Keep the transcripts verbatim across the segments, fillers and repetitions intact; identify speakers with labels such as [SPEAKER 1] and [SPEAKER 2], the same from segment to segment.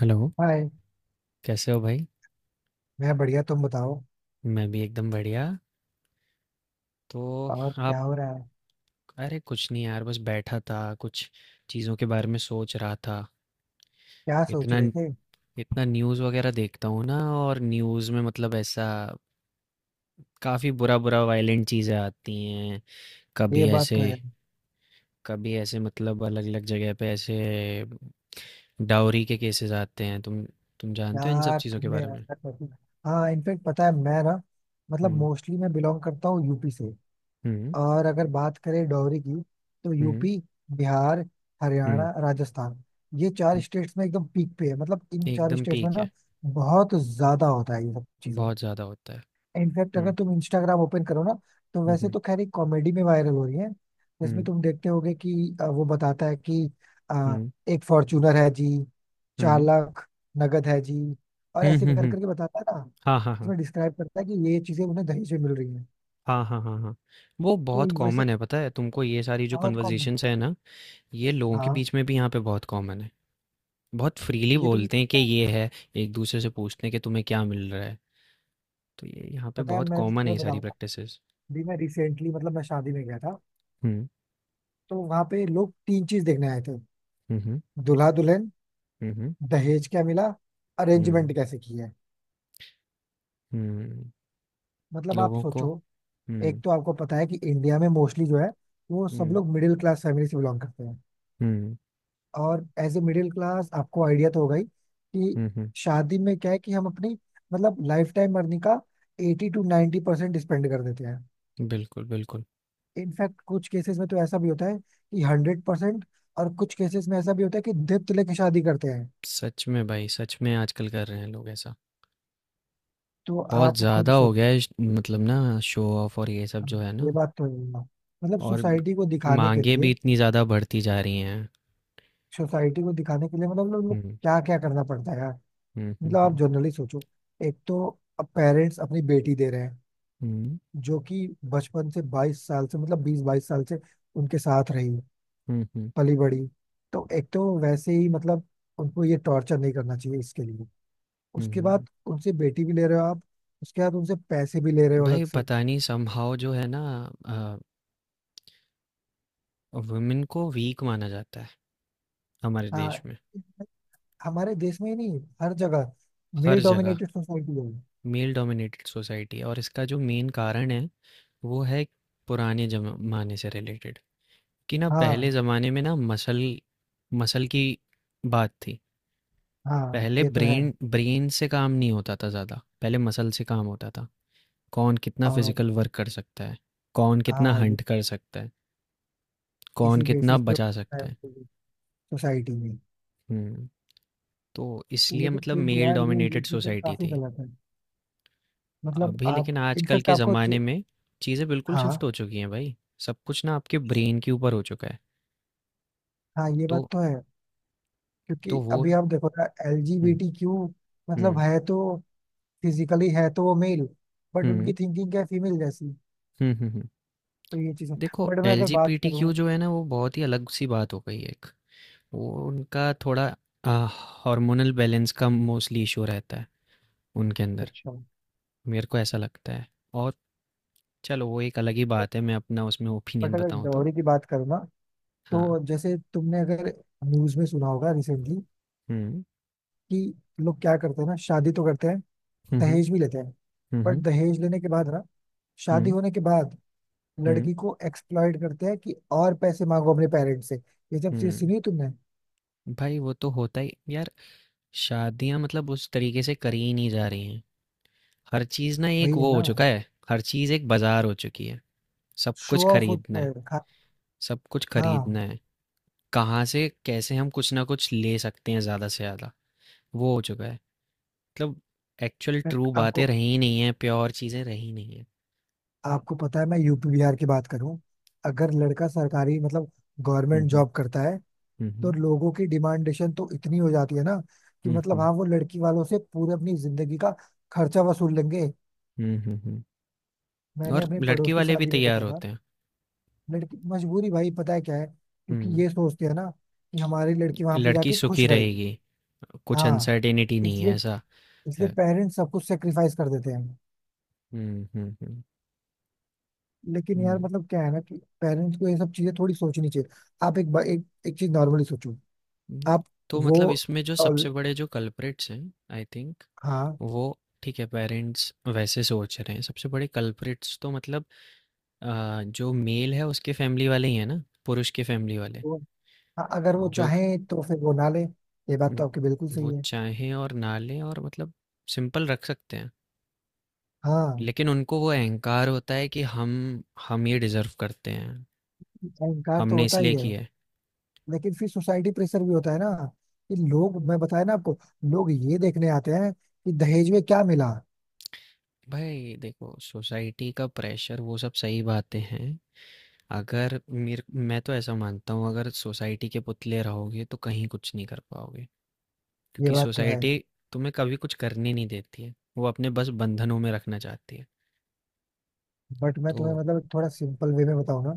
[SPEAKER 1] Hello,
[SPEAKER 2] hi.
[SPEAKER 1] कैसे हो भाई?
[SPEAKER 2] मैं बढ़िया, तुम बताओ।
[SPEAKER 1] मैं भी एकदम बढ़िया। तो
[SPEAKER 2] और
[SPEAKER 1] आप
[SPEAKER 2] क्या हो रहा है?
[SPEAKER 1] अरे कुछ नहीं यार, बस बैठा था, कुछ चीज़ों के बारे में सोच रहा था।
[SPEAKER 2] क्या सोच
[SPEAKER 1] इतना
[SPEAKER 2] रहे थे?
[SPEAKER 1] इतना न्यूज़ वगैरह देखता हूँ ना, और न्यूज़ में मतलब ऐसा काफ़ी बुरा बुरा वायलेंट चीज़ें आती हैं। कभी
[SPEAKER 2] ये बात
[SPEAKER 1] ऐसे
[SPEAKER 2] तो है।
[SPEAKER 1] कभी ऐसे मतलब अलग अलग जगह पे ऐसे डाउरी के केसेस आते हैं। तुम तुम जानते हो इन सब
[SPEAKER 2] यार
[SPEAKER 1] चीज़ों के
[SPEAKER 2] तुमने
[SPEAKER 1] बारे में?
[SPEAKER 2] ऐसा कर दिया, हाँ इनफेक्ट पता है, मैं ना मतलब
[SPEAKER 1] हम्म।
[SPEAKER 2] मोस्टली मैं बिलोंग करता हूँ यूपी से।
[SPEAKER 1] हम्म।
[SPEAKER 2] और अगर बात करें डॉवरी की, तो
[SPEAKER 1] हम्म।
[SPEAKER 2] यूपी, बिहार,
[SPEAKER 1] हम्म।
[SPEAKER 2] हरियाणा, राजस्थान, ये चार
[SPEAKER 1] हम्म,
[SPEAKER 2] स्टेट्स में एकदम पीक पे है। मतलब इन चार
[SPEAKER 1] एकदम
[SPEAKER 2] स्टेट्स में
[SPEAKER 1] पीक
[SPEAKER 2] ना
[SPEAKER 1] है।
[SPEAKER 2] बहुत ज्यादा होता है ये सब चीजें।
[SPEAKER 1] बहुत ज़्यादा होता है।
[SPEAKER 2] इनफैक्ट अगर
[SPEAKER 1] हम्म।
[SPEAKER 2] तुम इंस्टाग्राम ओपन करो ना, तो
[SPEAKER 1] हुँ,
[SPEAKER 2] वैसे
[SPEAKER 1] हुँ।
[SPEAKER 2] तो खैर एक कॉमेडी में वायरल हो रही है, जिसमें
[SPEAKER 1] हुँ,
[SPEAKER 2] तुम देखते होगे कि अ, वो बताता है कि अ,
[SPEAKER 1] हुँ,
[SPEAKER 2] एक फॉर्च्यूनर है जी, चार
[SPEAKER 1] हुँ।
[SPEAKER 2] लाख नगद है जी, और
[SPEAKER 1] हुँ,
[SPEAKER 2] ऐसे
[SPEAKER 1] हुँ,
[SPEAKER 2] कर
[SPEAKER 1] हुँ।
[SPEAKER 2] करके बताता है ना।
[SPEAKER 1] हाँ, हाँ, हाँ।
[SPEAKER 2] इसमें डिस्क्राइब करता है कि ये चीजें उन्हें दहेज में मिल रही हैं।
[SPEAKER 1] हाँ, हाँ, हाँ, हाँ। वो
[SPEAKER 2] तो
[SPEAKER 1] बहुत
[SPEAKER 2] ये वैसे
[SPEAKER 1] कॉमन है पता है, तुमको ये सारी जो
[SPEAKER 2] बहुत कॉमन।
[SPEAKER 1] कन्वर्सेशंस है ना, ये लोगों के
[SPEAKER 2] हाँ
[SPEAKER 1] बीच में भी यहाँ पे बहुत कॉमन है। बहुत फ्रीली
[SPEAKER 2] ये तो मुझे
[SPEAKER 1] बोलते हैं कि
[SPEAKER 2] पता है।
[SPEAKER 1] ये है, एक-दूसरे से पूछते हैं कि तुम्हें क्या मिल रहा है। तो ये यहाँ पे
[SPEAKER 2] पता है,
[SPEAKER 1] बहुत
[SPEAKER 2] मैं
[SPEAKER 1] कॉमन है ये
[SPEAKER 2] तुम्हें
[SPEAKER 1] सारी
[SPEAKER 2] बताऊंगा
[SPEAKER 1] प्रैक्टिसेस।
[SPEAKER 2] भी। मैं रिसेंटली मतलब मैं शादी में गया था,
[SPEAKER 1] हुँ,
[SPEAKER 2] तो वहां पे लोग तीन चीज देखने आए थे।
[SPEAKER 1] हुँ, हुँ,
[SPEAKER 2] दूल्हा दुल्हन,
[SPEAKER 1] हुँ, हुँ,
[SPEAKER 2] दहेज क्या मिला, अरेंजमेंट
[SPEAKER 1] हुँ,
[SPEAKER 2] कैसे की है।
[SPEAKER 1] हुँ।
[SPEAKER 2] मतलब आप
[SPEAKER 1] लोगों को।
[SPEAKER 2] सोचो, एक
[SPEAKER 1] हुँ,
[SPEAKER 2] तो आपको पता है कि इंडिया में मोस्टली जो है वो सब
[SPEAKER 1] हुँ,
[SPEAKER 2] लोग मिडिल क्लास फैमिली से बिलोंग करते हैं।
[SPEAKER 1] हुँ,
[SPEAKER 2] और एज ए मिडिल क्लास आपको आइडिया तो होगा ही कि
[SPEAKER 1] हुँ, हुँ।
[SPEAKER 2] शादी में क्या है कि हम अपनी मतलब लाइफ टाइम अर्निंग का eighty to ninety percent spend कर देते हैं।
[SPEAKER 1] बिल्कुल, बिल्कुल।
[SPEAKER 2] इनफैक्ट कुछ केसेस में तो ऐसा भी होता है कि हंड्रेड परसेंट, और कुछ केसेस में ऐसा भी होता है कि दत्त लेके शादी करते हैं।
[SPEAKER 1] सच में भाई, सच में आजकल कर रहे हैं लोग ऐसा।
[SPEAKER 2] तो
[SPEAKER 1] बहुत
[SPEAKER 2] आप खुद
[SPEAKER 1] ज़्यादा हो
[SPEAKER 2] सोच,
[SPEAKER 1] गया है श- मतलब ना शो ऑफ और ये सब जो है
[SPEAKER 2] ये
[SPEAKER 1] ना।
[SPEAKER 2] बात तो है ना। मतलब
[SPEAKER 1] और
[SPEAKER 2] सोसाइटी को दिखाने के
[SPEAKER 1] मांगे
[SPEAKER 2] लिए,
[SPEAKER 1] भी इतनी ज़्यादा बढ़ती जा रही हैं।
[SPEAKER 2] सोसाइटी को दिखाने के लिए मतलब लोग
[SPEAKER 1] हम्म।
[SPEAKER 2] क्या क्या करना पड़ता है यार।
[SPEAKER 1] हम्म।
[SPEAKER 2] मतलब आप
[SPEAKER 1] हम्म।
[SPEAKER 2] जनरली सोचो, एक तो पेरेंट्स अपनी बेटी दे रहे हैं,
[SPEAKER 1] हम्म।
[SPEAKER 2] जो कि बचपन से बाईस साल से मतलब बीस बाईस साल से उनके साथ रही,
[SPEAKER 1] हम्म। हम्म।
[SPEAKER 2] पली बड़ी। तो एक तो वैसे ही मतलब उनको ये टॉर्चर नहीं करना चाहिए इसके लिए।
[SPEAKER 1] हम्म,
[SPEAKER 2] उसके बाद
[SPEAKER 1] हम्म।
[SPEAKER 2] उनसे बेटी भी ले रहे हो आप, उसके बाद उनसे पैसे भी ले रहे हो अलग
[SPEAKER 1] भाई
[SPEAKER 2] से।
[SPEAKER 1] पता नहीं समहाउ जो है ना, वुमेन को वीक माना जाता है हमारे देश
[SPEAKER 2] हाँ,
[SPEAKER 1] में।
[SPEAKER 2] हमारे देश में ही नहीं, हर जगह
[SPEAKER 1] हर
[SPEAKER 2] मेल
[SPEAKER 1] जगह
[SPEAKER 2] डोमिनेटेड सोसाइटी है।
[SPEAKER 1] मेल डोमिनेटेड सोसाइटी है, और इसका जो मेन कारण है वो है पुराने जमाने से रिलेटेड। कि ना
[SPEAKER 2] हाँ,
[SPEAKER 1] पहले ज़माने में ना मसल मसल की बात थी।
[SPEAKER 2] हाँ
[SPEAKER 1] पहले
[SPEAKER 2] ये तो है।
[SPEAKER 1] ब्रेन ब्रेन से काम नहीं होता था ज़्यादा, पहले मसल से काम होता था। कौन कितना
[SPEAKER 2] और
[SPEAKER 1] फिजिकल वर्क कर सकता है, कौन कितना
[SPEAKER 2] हाँ, ये
[SPEAKER 1] हंट कर सकता है, कौन
[SPEAKER 2] इसी
[SPEAKER 1] कितना
[SPEAKER 2] बेसिस पे
[SPEAKER 1] बचा सकता है।
[SPEAKER 2] सोसाइटी में।
[SPEAKER 1] हम्म। तो इसलिए
[SPEAKER 2] लेकिन
[SPEAKER 1] मतलब
[SPEAKER 2] फिर भी
[SPEAKER 1] मेल
[SPEAKER 2] यार ये ये
[SPEAKER 1] डोमिनेटेड
[SPEAKER 2] चीजें
[SPEAKER 1] सोसाइटी
[SPEAKER 2] काफी
[SPEAKER 1] थी।
[SPEAKER 2] गलत है। मतलब
[SPEAKER 1] अभी
[SPEAKER 2] आप
[SPEAKER 1] लेकिन आजकल
[SPEAKER 2] इनफेक्ट
[SPEAKER 1] के
[SPEAKER 2] आपको
[SPEAKER 1] ज़माने
[SPEAKER 2] च-
[SPEAKER 1] में चीज़ें बिल्कुल शिफ्ट
[SPEAKER 2] हाँ,
[SPEAKER 1] हो चुकी हैं भाई। सब कुछ ना आपके ब्रेन के ऊपर हो चुका है।
[SPEAKER 2] हाँ ये बात
[SPEAKER 1] तो
[SPEAKER 2] तो है। क्योंकि
[SPEAKER 1] तो वो।
[SPEAKER 2] अभी आप देखो ना,
[SPEAKER 1] हम्म।
[SPEAKER 2] एलजीबीटीक्यू मतलब
[SPEAKER 1] हम्म।
[SPEAKER 2] है तो, फिजिकली है तो वो मेल, बट उनकी
[SPEAKER 1] हम्म।
[SPEAKER 2] थिंकिंग क्या है फीमेल जैसी।
[SPEAKER 1] हम्म। हम्म। हम्म।
[SPEAKER 2] तो ये चीजें
[SPEAKER 1] देखो
[SPEAKER 2] बट मैं
[SPEAKER 1] एल
[SPEAKER 2] अगर
[SPEAKER 1] जी पी
[SPEAKER 2] बात
[SPEAKER 1] टी
[SPEAKER 2] करूँ।
[SPEAKER 1] क्यू जो है ना, वो बहुत ही अलग सी बात हो गई है एक। वो उनका थोड़ा अ, हार्मोनल बैलेंस का मोस्टली इशू रहता है उनके अंदर,
[SPEAKER 2] अच्छा।
[SPEAKER 1] मेरे को ऐसा लगता है। और चलो वो एक अलग ही बात है, मैं अपना उसमें
[SPEAKER 2] बट
[SPEAKER 1] ओपिनियन
[SPEAKER 2] अगर
[SPEAKER 1] बताऊं तो।
[SPEAKER 2] डॉरी की बात करूँ ना,
[SPEAKER 1] हाँ।
[SPEAKER 2] तो जैसे तुमने अगर न्यूज में सुना होगा रिसेंटली,
[SPEAKER 1] हम्म।
[SPEAKER 2] कि लोग क्या करते हैं ना, शादी तो करते हैं,
[SPEAKER 1] हम्म।
[SPEAKER 2] दहेज भी
[SPEAKER 1] हम्म।
[SPEAKER 2] लेते हैं, बट
[SPEAKER 1] हम्म।
[SPEAKER 2] दहेज लेने के बाद ना, शादी
[SPEAKER 1] हम्म।
[SPEAKER 2] होने के बाद, लड़की
[SPEAKER 1] हम्म।
[SPEAKER 2] को एक्सप्लॉइट करते हैं कि और पैसे मांगो अपने पेरेंट्स से। ये सब चीज
[SPEAKER 1] हम्म।
[SPEAKER 2] सुनी तुमने?
[SPEAKER 1] भाई वो तो होता ही यार। शादियां मतलब उस तरीके से करी ही नहीं जा रही हैं। हर चीज़ ना
[SPEAKER 2] वही
[SPEAKER 1] एक
[SPEAKER 2] है
[SPEAKER 1] वो हो
[SPEAKER 2] ना,
[SPEAKER 1] चुका है, हर चीज़ एक बाजार हो चुकी है। सब कुछ
[SPEAKER 2] शो ऑफ
[SPEAKER 1] खरीदना
[SPEAKER 2] होता
[SPEAKER 1] है।
[SPEAKER 2] है खा-
[SPEAKER 1] सब कुछ
[SPEAKER 2] हाँ।
[SPEAKER 1] खरीदना है। कहाँ से कैसे हम कुछ ना कुछ ले सकते हैं ज़्यादा से ज़्यादा, वो हो चुका है। मतलब एक्चुअल
[SPEAKER 2] मैं
[SPEAKER 1] ट्रू बातें
[SPEAKER 2] आपको,
[SPEAKER 1] रही ही नहीं है, प्योर चीज़ें रही नहीं है।
[SPEAKER 2] आपको पता है, मैं यूपी बिहार की बात करूं, अगर लड़का सरकारी मतलब
[SPEAKER 1] हुँ,
[SPEAKER 2] गवर्नमेंट
[SPEAKER 1] हुँ।
[SPEAKER 2] जॉब करता है,
[SPEAKER 1] हुँ,
[SPEAKER 2] तो
[SPEAKER 1] हुँ।
[SPEAKER 2] लोगों की डिमांडेशन तो इतनी हो जाती है ना कि
[SPEAKER 1] हुँ,
[SPEAKER 2] मतलब
[SPEAKER 1] हुँ।
[SPEAKER 2] हाँ वो लड़की वालों से पूरे अपनी जिंदगी का खर्चा वसूल लेंगे।
[SPEAKER 1] हुँ, हुँ, हुँ।
[SPEAKER 2] मैंने
[SPEAKER 1] और
[SPEAKER 2] अपने
[SPEAKER 1] लड़के
[SPEAKER 2] पड़ोस की
[SPEAKER 1] वाले भी
[SPEAKER 2] शादी में
[SPEAKER 1] तैयार
[SPEAKER 2] देखा था।
[SPEAKER 1] होते हैं।
[SPEAKER 2] लड़की मजबूरी भाई, पता है क्या है, क्योंकि
[SPEAKER 1] हुँ,
[SPEAKER 2] ये सोचते हैं ना कि हमारी लड़की वहां पे
[SPEAKER 1] लड़की
[SPEAKER 2] जाके खुश
[SPEAKER 1] सुखी
[SPEAKER 2] रहेगी।
[SPEAKER 1] रहेगी, कुछ
[SPEAKER 2] हाँ,
[SPEAKER 1] अनसर्टेनिटी नहीं है,
[SPEAKER 2] इसलिए,
[SPEAKER 1] ऐसा
[SPEAKER 2] इसलिए
[SPEAKER 1] है।
[SPEAKER 2] पेरेंट्स सब कुछ सेक्रीफाइस कर देते हैं।
[SPEAKER 1] हुँ, हुँ, हुँ।
[SPEAKER 2] लेकिन यार
[SPEAKER 1] हुँ,
[SPEAKER 2] मतलब क्या है ना कि पेरेंट्स को ये सब चीजें थोड़ी सोचनी चाहिए। आप एक बा- एक, एक चीज नॉर्मली सोचो।
[SPEAKER 1] हुँ।
[SPEAKER 2] आप
[SPEAKER 1] तो
[SPEAKER 2] वो
[SPEAKER 1] मतलब इसमें जो
[SPEAKER 2] और
[SPEAKER 1] सबसे बड़े जो कल्प्रिट्स हैं आई थिंक,
[SPEAKER 2] हाँ
[SPEAKER 1] वो ठीक है पेरेंट्स वैसे सोच रहे हैं, सबसे बड़े कल्प्रिट्स तो मतलब अ, जो मेल है उसके फैमिली वाले ही हैं ना, पुरुष के फैमिली वाले,
[SPEAKER 2] वो। हाँ, अगर वो
[SPEAKER 1] जो
[SPEAKER 2] चाहे तो फिर वो ना ले। ये बात
[SPEAKER 1] उम,
[SPEAKER 2] तो आपकी बिल्कुल
[SPEAKER 1] वो
[SPEAKER 2] सही है।
[SPEAKER 1] चाहें और ना लें, और मतलब सिंपल रख सकते हैं।
[SPEAKER 2] हाँ,
[SPEAKER 1] लेकिन उनको वो अहंकार होता है कि हम हम ये डिज़र्व करते हैं,
[SPEAKER 2] अहंकार तो
[SPEAKER 1] हमने
[SPEAKER 2] होता
[SPEAKER 1] इसलिए
[SPEAKER 2] ही है,
[SPEAKER 1] किया है।
[SPEAKER 2] लेकिन फिर सोसाइटी प्रेशर भी होता है ना, कि लोग मैं बताया ना आपको, लोग ये देखने आते हैं कि दहेज में क्या मिला।
[SPEAKER 1] भाई देखो सोसाइटी का प्रेशर वो सब सही बातें हैं। अगर मेर मैं तो ऐसा मानता हूँ अगर सोसाइटी के पुतले रहोगे तो कहीं कुछ नहीं कर पाओगे।
[SPEAKER 2] ये
[SPEAKER 1] क्योंकि
[SPEAKER 2] बात तो है।
[SPEAKER 1] सोसाइटी तुम्हें कभी कुछ करने नहीं देती है। वो अपने बस बंधनों में रखना चाहती है।
[SPEAKER 2] बट मैं
[SPEAKER 1] तो
[SPEAKER 2] तुम्हें मतलब थोड़ा सिंपल वे में बताऊँ ना,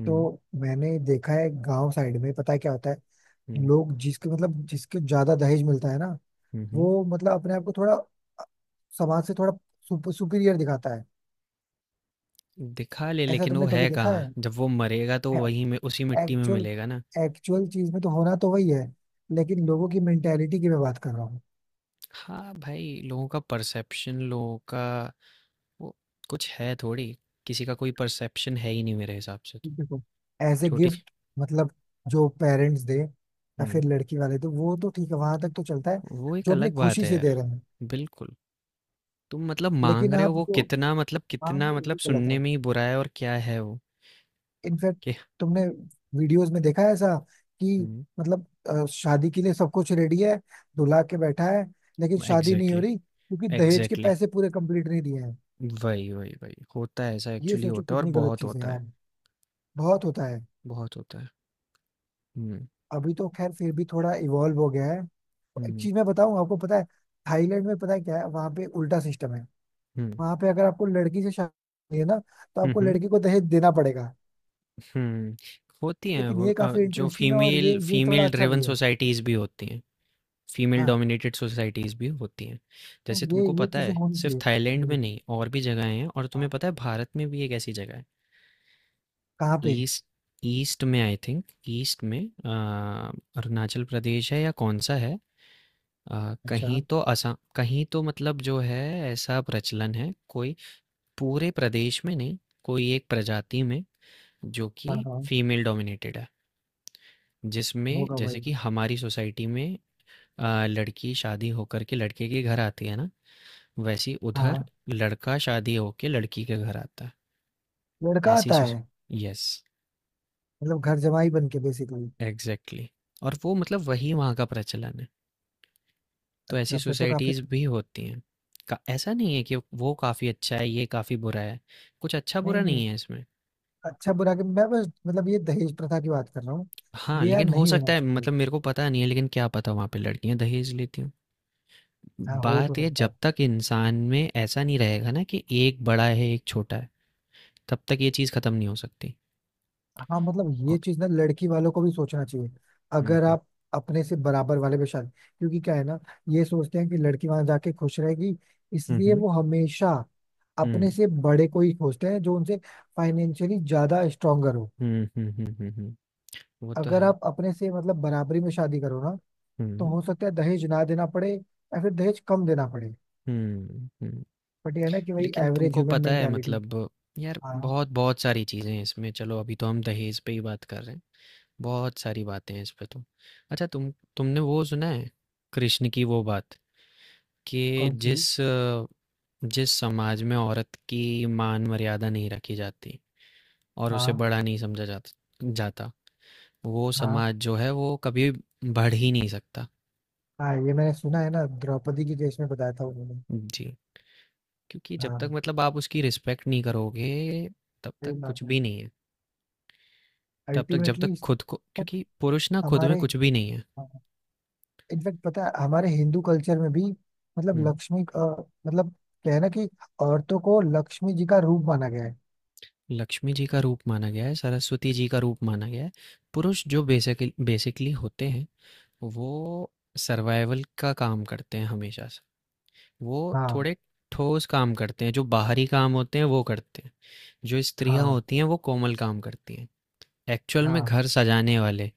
[SPEAKER 1] हुँ,
[SPEAKER 2] तो मैंने देखा है गांव साइड में, पता है क्या होता है,
[SPEAKER 1] हुँ।
[SPEAKER 2] लोग जिसके मतलब जिसके ज्यादा दहेज मिलता है ना,
[SPEAKER 1] हुँ, हुँ।
[SPEAKER 2] वो मतलब अपने आप को थोड़ा अ, समाज से थोड़ा सुप, सुपीरियर दिखाता है।
[SPEAKER 1] दिखा ले,
[SPEAKER 2] ऐसा
[SPEAKER 1] लेकिन वो
[SPEAKER 2] तुमने कभी
[SPEAKER 1] है
[SPEAKER 2] देखा
[SPEAKER 1] कहाँ?
[SPEAKER 2] है?
[SPEAKER 1] जब वो मरेगा तो वही में उसी मिट्टी में
[SPEAKER 2] एक्चुअल,
[SPEAKER 1] मिलेगा ना।
[SPEAKER 2] एक्चुअल चीज में तो होना तो वही है, लेकिन लोगों की मेंटेलिटी की मैं बात कर रहा हूँ।
[SPEAKER 1] हाँ भाई, लोगों का परसेप्शन, लोगों का वो कुछ है थोड़ी। किसी का कोई परसेप्शन है ही नहीं मेरे हिसाब से तो।
[SPEAKER 2] देखो, एज ए
[SPEAKER 1] छोटी।
[SPEAKER 2] गिफ्ट मतलब जो पेरेंट्स दे या फिर
[SPEAKER 1] हुँ,
[SPEAKER 2] लड़की वाले, तो वो तो ठीक है, वहां तक तो चलता है,
[SPEAKER 1] वो एक
[SPEAKER 2] जो अपनी
[SPEAKER 1] अलग बात
[SPEAKER 2] खुशी
[SPEAKER 1] है
[SPEAKER 2] से
[SPEAKER 1] यार।
[SPEAKER 2] दे रहे हैं।
[SPEAKER 1] बिल्कुल, तुम मतलब माँग
[SPEAKER 2] लेकिन
[SPEAKER 1] रहे हो
[SPEAKER 2] आप
[SPEAKER 1] वो
[SPEAKER 2] जो,
[SPEAKER 1] कितना मतलब
[SPEAKER 2] हाँ
[SPEAKER 1] कितना मतलब
[SPEAKER 2] वो गलत
[SPEAKER 1] सुनने
[SPEAKER 2] है।
[SPEAKER 1] में ही बुरा है और क्या है वो?
[SPEAKER 2] इनफैक्ट
[SPEAKER 1] कि
[SPEAKER 2] तुमने वीडियोस में देखा है ऐसा कि
[SPEAKER 1] हुँ,
[SPEAKER 2] मतलब अ, शादी के लिए सब कुछ रेडी है, दुल्हा के बैठा है, लेकिन शादी नहीं हो
[SPEAKER 1] एग्ज़ैक्टली,
[SPEAKER 2] रही क्योंकि दहेज के
[SPEAKER 1] एग्ज़ैक्टली।
[SPEAKER 2] पैसे पूरे कंप्लीट नहीं दिए हैं।
[SPEAKER 1] वही, वही, वही। होता है ऐसा,
[SPEAKER 2] ये
[SPEAKER 1] एक्चुअली
[SPEAKER 2] सोचो
[SPEAKER 1] होता है और
[SPEAKER 2] कितनी गलत
[SPEAKER 1] बहुत
[SPEAKER 2] चीज है
[SPEAKER 1] होता है,
[SPEAKER 2] यार, बहुत होता है।
[SPEAKER 1] बहुत होता है। हुँ,
[SPEAKER 2] अभी तो खैर फिर भी थोड़ा इवॉल्व हो गया है।
[SPEAKER 1] हुँ,
[SPEAKER 2] एक
[SPEAKER 1] हुँ।
[SPEAKER 2] चीज मैं बताऊं आपको, पता है, थाईलैंड में पता है क्या है, वहां पे उल्टा सिस्टम है। वहां पे अगर आपको लड़की से शादी करनी है ना, तो
[SPEAKER 1] हुँ,
[SPEAKER 2] आपको
[SPEAKER 1] हुँ।
[SPEAKER 2] लड़की को दहेज देना पड़ेगा।
[SPEAKER 1] हम्म, होती हैं
[SPEAKER 2] लेकिन
[SPEAKER 1] वो
[SPEAKER 2] ये
[SPEAKER 1] अ,
[SPEAKER 2] काफी
[SPEAKER 1] जो
[SPEAKER 2] इंटरेस्टिंग है, और ये
[SPEAKER 1] फीमेल
[SPEAKER 2] ये थोड़ा
[SPEAKER 1] फीमेल
[SPEAKER 2] अच्छा
[SPEAKER 1] ड्रिवन
[SPEAKER 2] भी है।
[SPEAKER 1] सोसाइटीज़ भी होती हैं, फीमेल
[SPEAKER 2] हाँ
[SPEAKER 1] डोमिनेटेड सोसाइटीज़ भी होती हैं। जैसे
[SPEAKER 2] ये
[SPEAKER 1] तुमको
[SPEAKER 2] ये
[SPEAKER 1] पता
[SPEAKER 2] चीजें
[SPEAKER 1] है
[SPEAKER 2] होनी
[SPEAKER 1] सिर्फ थाईलैंड में
[SPEAKER 2] चाहिए।
[SPEAKER 1] नहीं और भी जगहें हैं, और
[SPEAKER 2] हाँ,
[SPEAKER 1] तुम्हें पता है भारत में भी एक ऐसी जगह है।
[SPEAKER 2] कहाँ पे?
[SPEAKER 1] ईस्ट ईस्ट में आई थिंक, ईस्ट में अ, अरुणाचल प्रदेश है या कौन सा है, अ,
[SPEAKER 2] अच्छा।
[SPEAKER 1] कहीं तो असम कहीं तो मतलब जो है, ऐसा प्रचलन है कोई। पूरे प्रदेश में नहीं, कोई एक प्रजाति में जो
[SPEAKER 2] हाँ
[SPEAKER 1] कि
[SPEAKER 2] हाँ,
[SPEAKER 1] फीमेल डोमिनेटेड है। जिसमें
[SPEAKER 2] होगा
[SPEAKER 1] जैसे
[SPEAKER 2] भाई।
[SPEAKER 1] कि हमारी सोसाइटी में अ, लड़की शादी होकर के लड़के के घर आती है ना, वैसी उधर
[SPEAKER 2] हाँ,
[SPEAKER 1] लड़का शादी होके लड़की के घर आता है।
[SPEAKER 2] लड़का
[SPEAKER 1] ऐसी
[SPEAKER 2] आता
[SPEAKER 1] सोस
[SPEAKER 2] है,
[SPEAKER 1] यस,
[SPEAKER 2] मतलब घर जमाई बन के बेसिकली।
[SPEAKER 1] एग्जैक्टली। और वो मतलब वही वहाँ का प्रचलन है। तो ऐसी
[SPEAKER 2] अच्छा, फिर तो काफी।
[SPEAKER 1] सोसाइटीज भी होती हैं। का ऐसा नहीं है कि वो काफ़ी अच्छा है ये काफ़ी बुरा है, कुछ अच्छा
[SPEAKER 2] नहीं
[SPEAKER 1] बुरा
[SPEAKER 2] नहीं,
[SPEAKER 1] नहीं है इसमें।
[SPEAKER 2] अच्छा बुरा के मैं बस मतलब ये दहेज प्रथा की बात कर रहा हूँ।
[SPEAKER 1] हाँ
[SPEAKER 2] ये यार
[SPEAKER 1] लेकिन हो
[SPEAKER 2] नहीं
[SPEAKER 1] सकता
[SPEAKER 2] होना
[SPEAKER 1] है
[SPEAKER 2] चाहिए।
[SPEAKER 1] मतलब मेरे को पता नहीं है, लेकिन क्या पता वहाँ पे लड़कियाँ दहेज लेती हों।
[SPEAKER 2] हाँ हो तो
[SPEAKER 1] बात ये,
[SPEAKER 2] सकता
[SPEAKER 1] जब
[SPEAKER 2] है।
[SPEAKER 1] तक इंसान में ऐसा नहीं रहेगा ना कि एक बड़ा है एक छोटा है, तब तक ये चीज़ खत्म नहीं हो सकती।
[SPEAKER 2] हाँ मतलब
[SPEAKER 1] और
[SPEAKER 2] ये चीज ना लड़की वालों को भी सोचना चाहिए।
[SPEAKER 1] हुँ,
[SPEAKER 2] अगर
[SPEAKER 1] हुँ,
[SPEAKER 2] आप अपने से बराबर वाले पे शादी, क्योंकि क्या है ना, ये सोचते हैं कि लड़की वहां जाके खुश रहेगी,
[SPEAKER 1] हुँ,
[SPEAKER 2] इसलिए
[SPEAKER 1] हुँ,
[SPEAKER 2] वो हमेशा अपने
[SPEAKER 1] हुँ,
[SPEAKER 2] से बड़े को ही खोजते हैं जो उनसे फाइनेंशियली ज्यादा स्ट्रोंगर हो।
[SPEAKER 1] हुँ, हुँ, हुँ, हुँ, हुँ, वो तो
[SPEAKER 2] अगर
[SPEAKER 1] है।
[SPEAKER 2] आप अपने से मतलब बराबरी में शादी करो ना, तो
[SPEAKER 1] हुँ,
[SPEAKER 2] हो सकता है दहेज ना देना पड़े या फिर दहेज कम देना पड़े।
[SPEAKER 1] हुँ, हुँ।
[SPEAKER 2] बट ये है ना कि वही
[SPEAKER 1] लेकिन
[SPEAKER 2] एवरेज
[SPEAKER 1] तुमको
[SPEAKER 2] ह्यूमन
[SPEAKER 1] पता है
[SPEAKER 2] मेंटेलिटी।
[SPEAKER 1] मतलब, यार
[SPEAKER 2] हाँ।
[SPEAKER 1] बहुत बहुत सारी चीज़ें हैं इसमें, चलो अभी तो हम दहेज पे ही बात कर रहे हैं, बहुत सारी बातें हैं इस पे तो। अच्छा तुम तुमने वो सुना है, कृष्ण की वो बात कि
[SPEAKER 2] कौन सी?
[SPEAKER 1] जिस अ, जिस समाज में औरत की मान मर्यादा नहीं रखी जाती, और उसे
[SPEAKER 2] हाँ,
[SPEAKER 1] बड़ा नहीं समझा जाता जाता, वो
[SPEAKER 2] हाँ
[SPEAKER 1] समाज जो है वो कभी बढ़ ही नहीं सकता।
[SPEAKER 2] हाँ ये मैंने सुना है ना, द्रौपदी के केस में बताया था उन्होंने।
[SPEAKER 1] जी। क्योंकि जब तक
[SPEAKER 2] हाँ,
[SPEAKER 1] मतलब आप उसकी रिस्पेक्ट नहीं करोगे तब
[SPEAKER 2] सही
[SPEAKER 1] तक कुछ
[SPEAKER 2] बात है।
[SPEAKER 1] भी नहीं है। तब तक जब तक
[SPEAKER 2] अल्टीमेटली
[SPEAKER 1] खुद को, क्योंकि पुरुष ना खुद में
[SPEAKER 2] हमारे,
[SPEAKER 1] कुछ भी नहीं है।
[SPEAKER 2] इनफैक्ट पता है हमारे हिंदू कल्चर में भी, मतलब
[SPEAKER 1] हम्म।
[SPEAKER 2] लक्ष्मी अ, मतलब क्या है ना कि औरतों को लक्ष्मी जी का रूप माना गया है।
[SPEAKER 1] लक्ष्मी जी का रूप माना गया है, सरस्वती जी का रूप माना गया है। पुरुष जो बेसिकली बेसिकली होते हैं, वो सर्वाइवल का काम करते हैं हमेशा से। वो
[SPEAKER 2] हाँ,
[SPEAKER 1] थोड़े ठोस काम करते हैं, जो बाहरी काम होते हैं वो करते हैं। जो स्त्रियां
[SPEAKER 2] हाँ,
[SPEAKER 1] होती हैं वो कोमल काम करती हैं, एक्चुअल में
[SPEAKER 2] हाँ।
[SPEAKER 1] घर सजाने वाले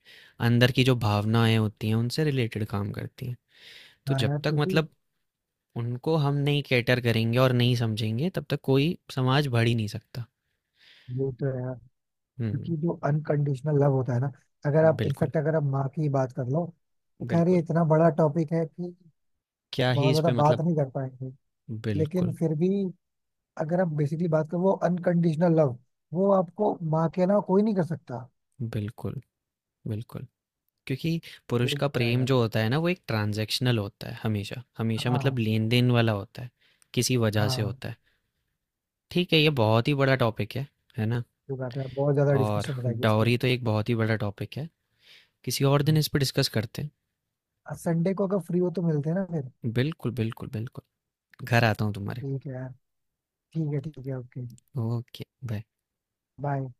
[SPEAKER 1] अंदर की जो भावनाएं होती हैं उनसे रिलेटेड काम करती हैं। तो
[SPEAKER 2] हाँ
[SPEAKER 1] जब
[SPEAKER 2] यार
[SPEAKER 1] तक
[SPEAKER 2] क्योंकि
[SPEAKER 1] मतलब उनको हम नहीं कैटर करेंगे और नहीं समझेंगे, तब तक कोई समाज बढ़ ही नहीं सकता।
[SPEAKER 2] ये तो है,
[SPEAKER 1] हम्म।
[SPEAKER 2] क्योंकि जो अनकंडीशनल लव होता है ना, अगर आप
[SPEAKER 1] बिल्कुल।
[SPEAKER 2] इनफैक्ट अगर आप माँ की बात कर लो, तो कह रही है
[SPEAKER 1] बिल्कुल।
[SPEAKER 2] इतना बड़ा टॉपिक है कि
[SPEAKER 1] क्या ही
[SPEAKER 2] बहुत
[SPEAKER 1] इस
[SPEAKER 2] ज्यादा
[SPEAKER 1] पे
[SPEAKER 2] बात
[SPEAKER 1] मतलब।
[SPEAKER 2] नहीं कर पाएंगे। लेकिन
[SPEAKER 1] बिल्कुल
[SPEAKER 2] फिर भी, अगर आप बेसिकली बात करो, वो अनकंडीशनल लव वो आपको माँ के अलावा कोई नहीं कर सकता।
[SPEAKER 1] बिल्कुल बिल्कुल। क्योंकि
[SPEAKER 2] ये
[SPEAKER 1] पुरुष का
[SPEAKER 2] तो है
[SPEAKER 1] प्रेम
[SPEAKER 2] भाई।
[SPEAKER 1] जो होता है ना वो एक ट्रांजैक्शनल होता है, हमेशा हमेशा मतलब
[SPEAKER 2] हाँ।
[SPEAKER 1] लेन देन वाला होता है, किसी वजह से
[SPEAKER 2] हाँ,
[SPEAKER 1] होता है। ठीक है, ये बहुत ही बड़ा टॉपिक है है ना?
[SPEAKER 2] जो बात है बहुत ज्यादा
[SPEAKER 1] और
[SPEAKER 2] डिस्कशन हो जाएगी इस पे।
[SPEAKER 1] डाउरी तो एक बहुत ही बड़ा टॉपिक है, किसी और दिन
[SPEAKER 2] हाँ।
[SPEAKER 1] इस पर डिस्कस करते हैं।
[SPEAKER 2] संडे को अगर फ्री हो तो मिलते हैं ना फिर।
[SPEAKER 1] बिल्कुल बिल्कुल बिल्कुल, घर आता हूँ तुम्हारे।
[SPEAKER 2] ठीक है यार, ठीक है, ठीक है, ओके।
[SPEAKER 1] Okay, bye.
[SPEAKER 2] बाय।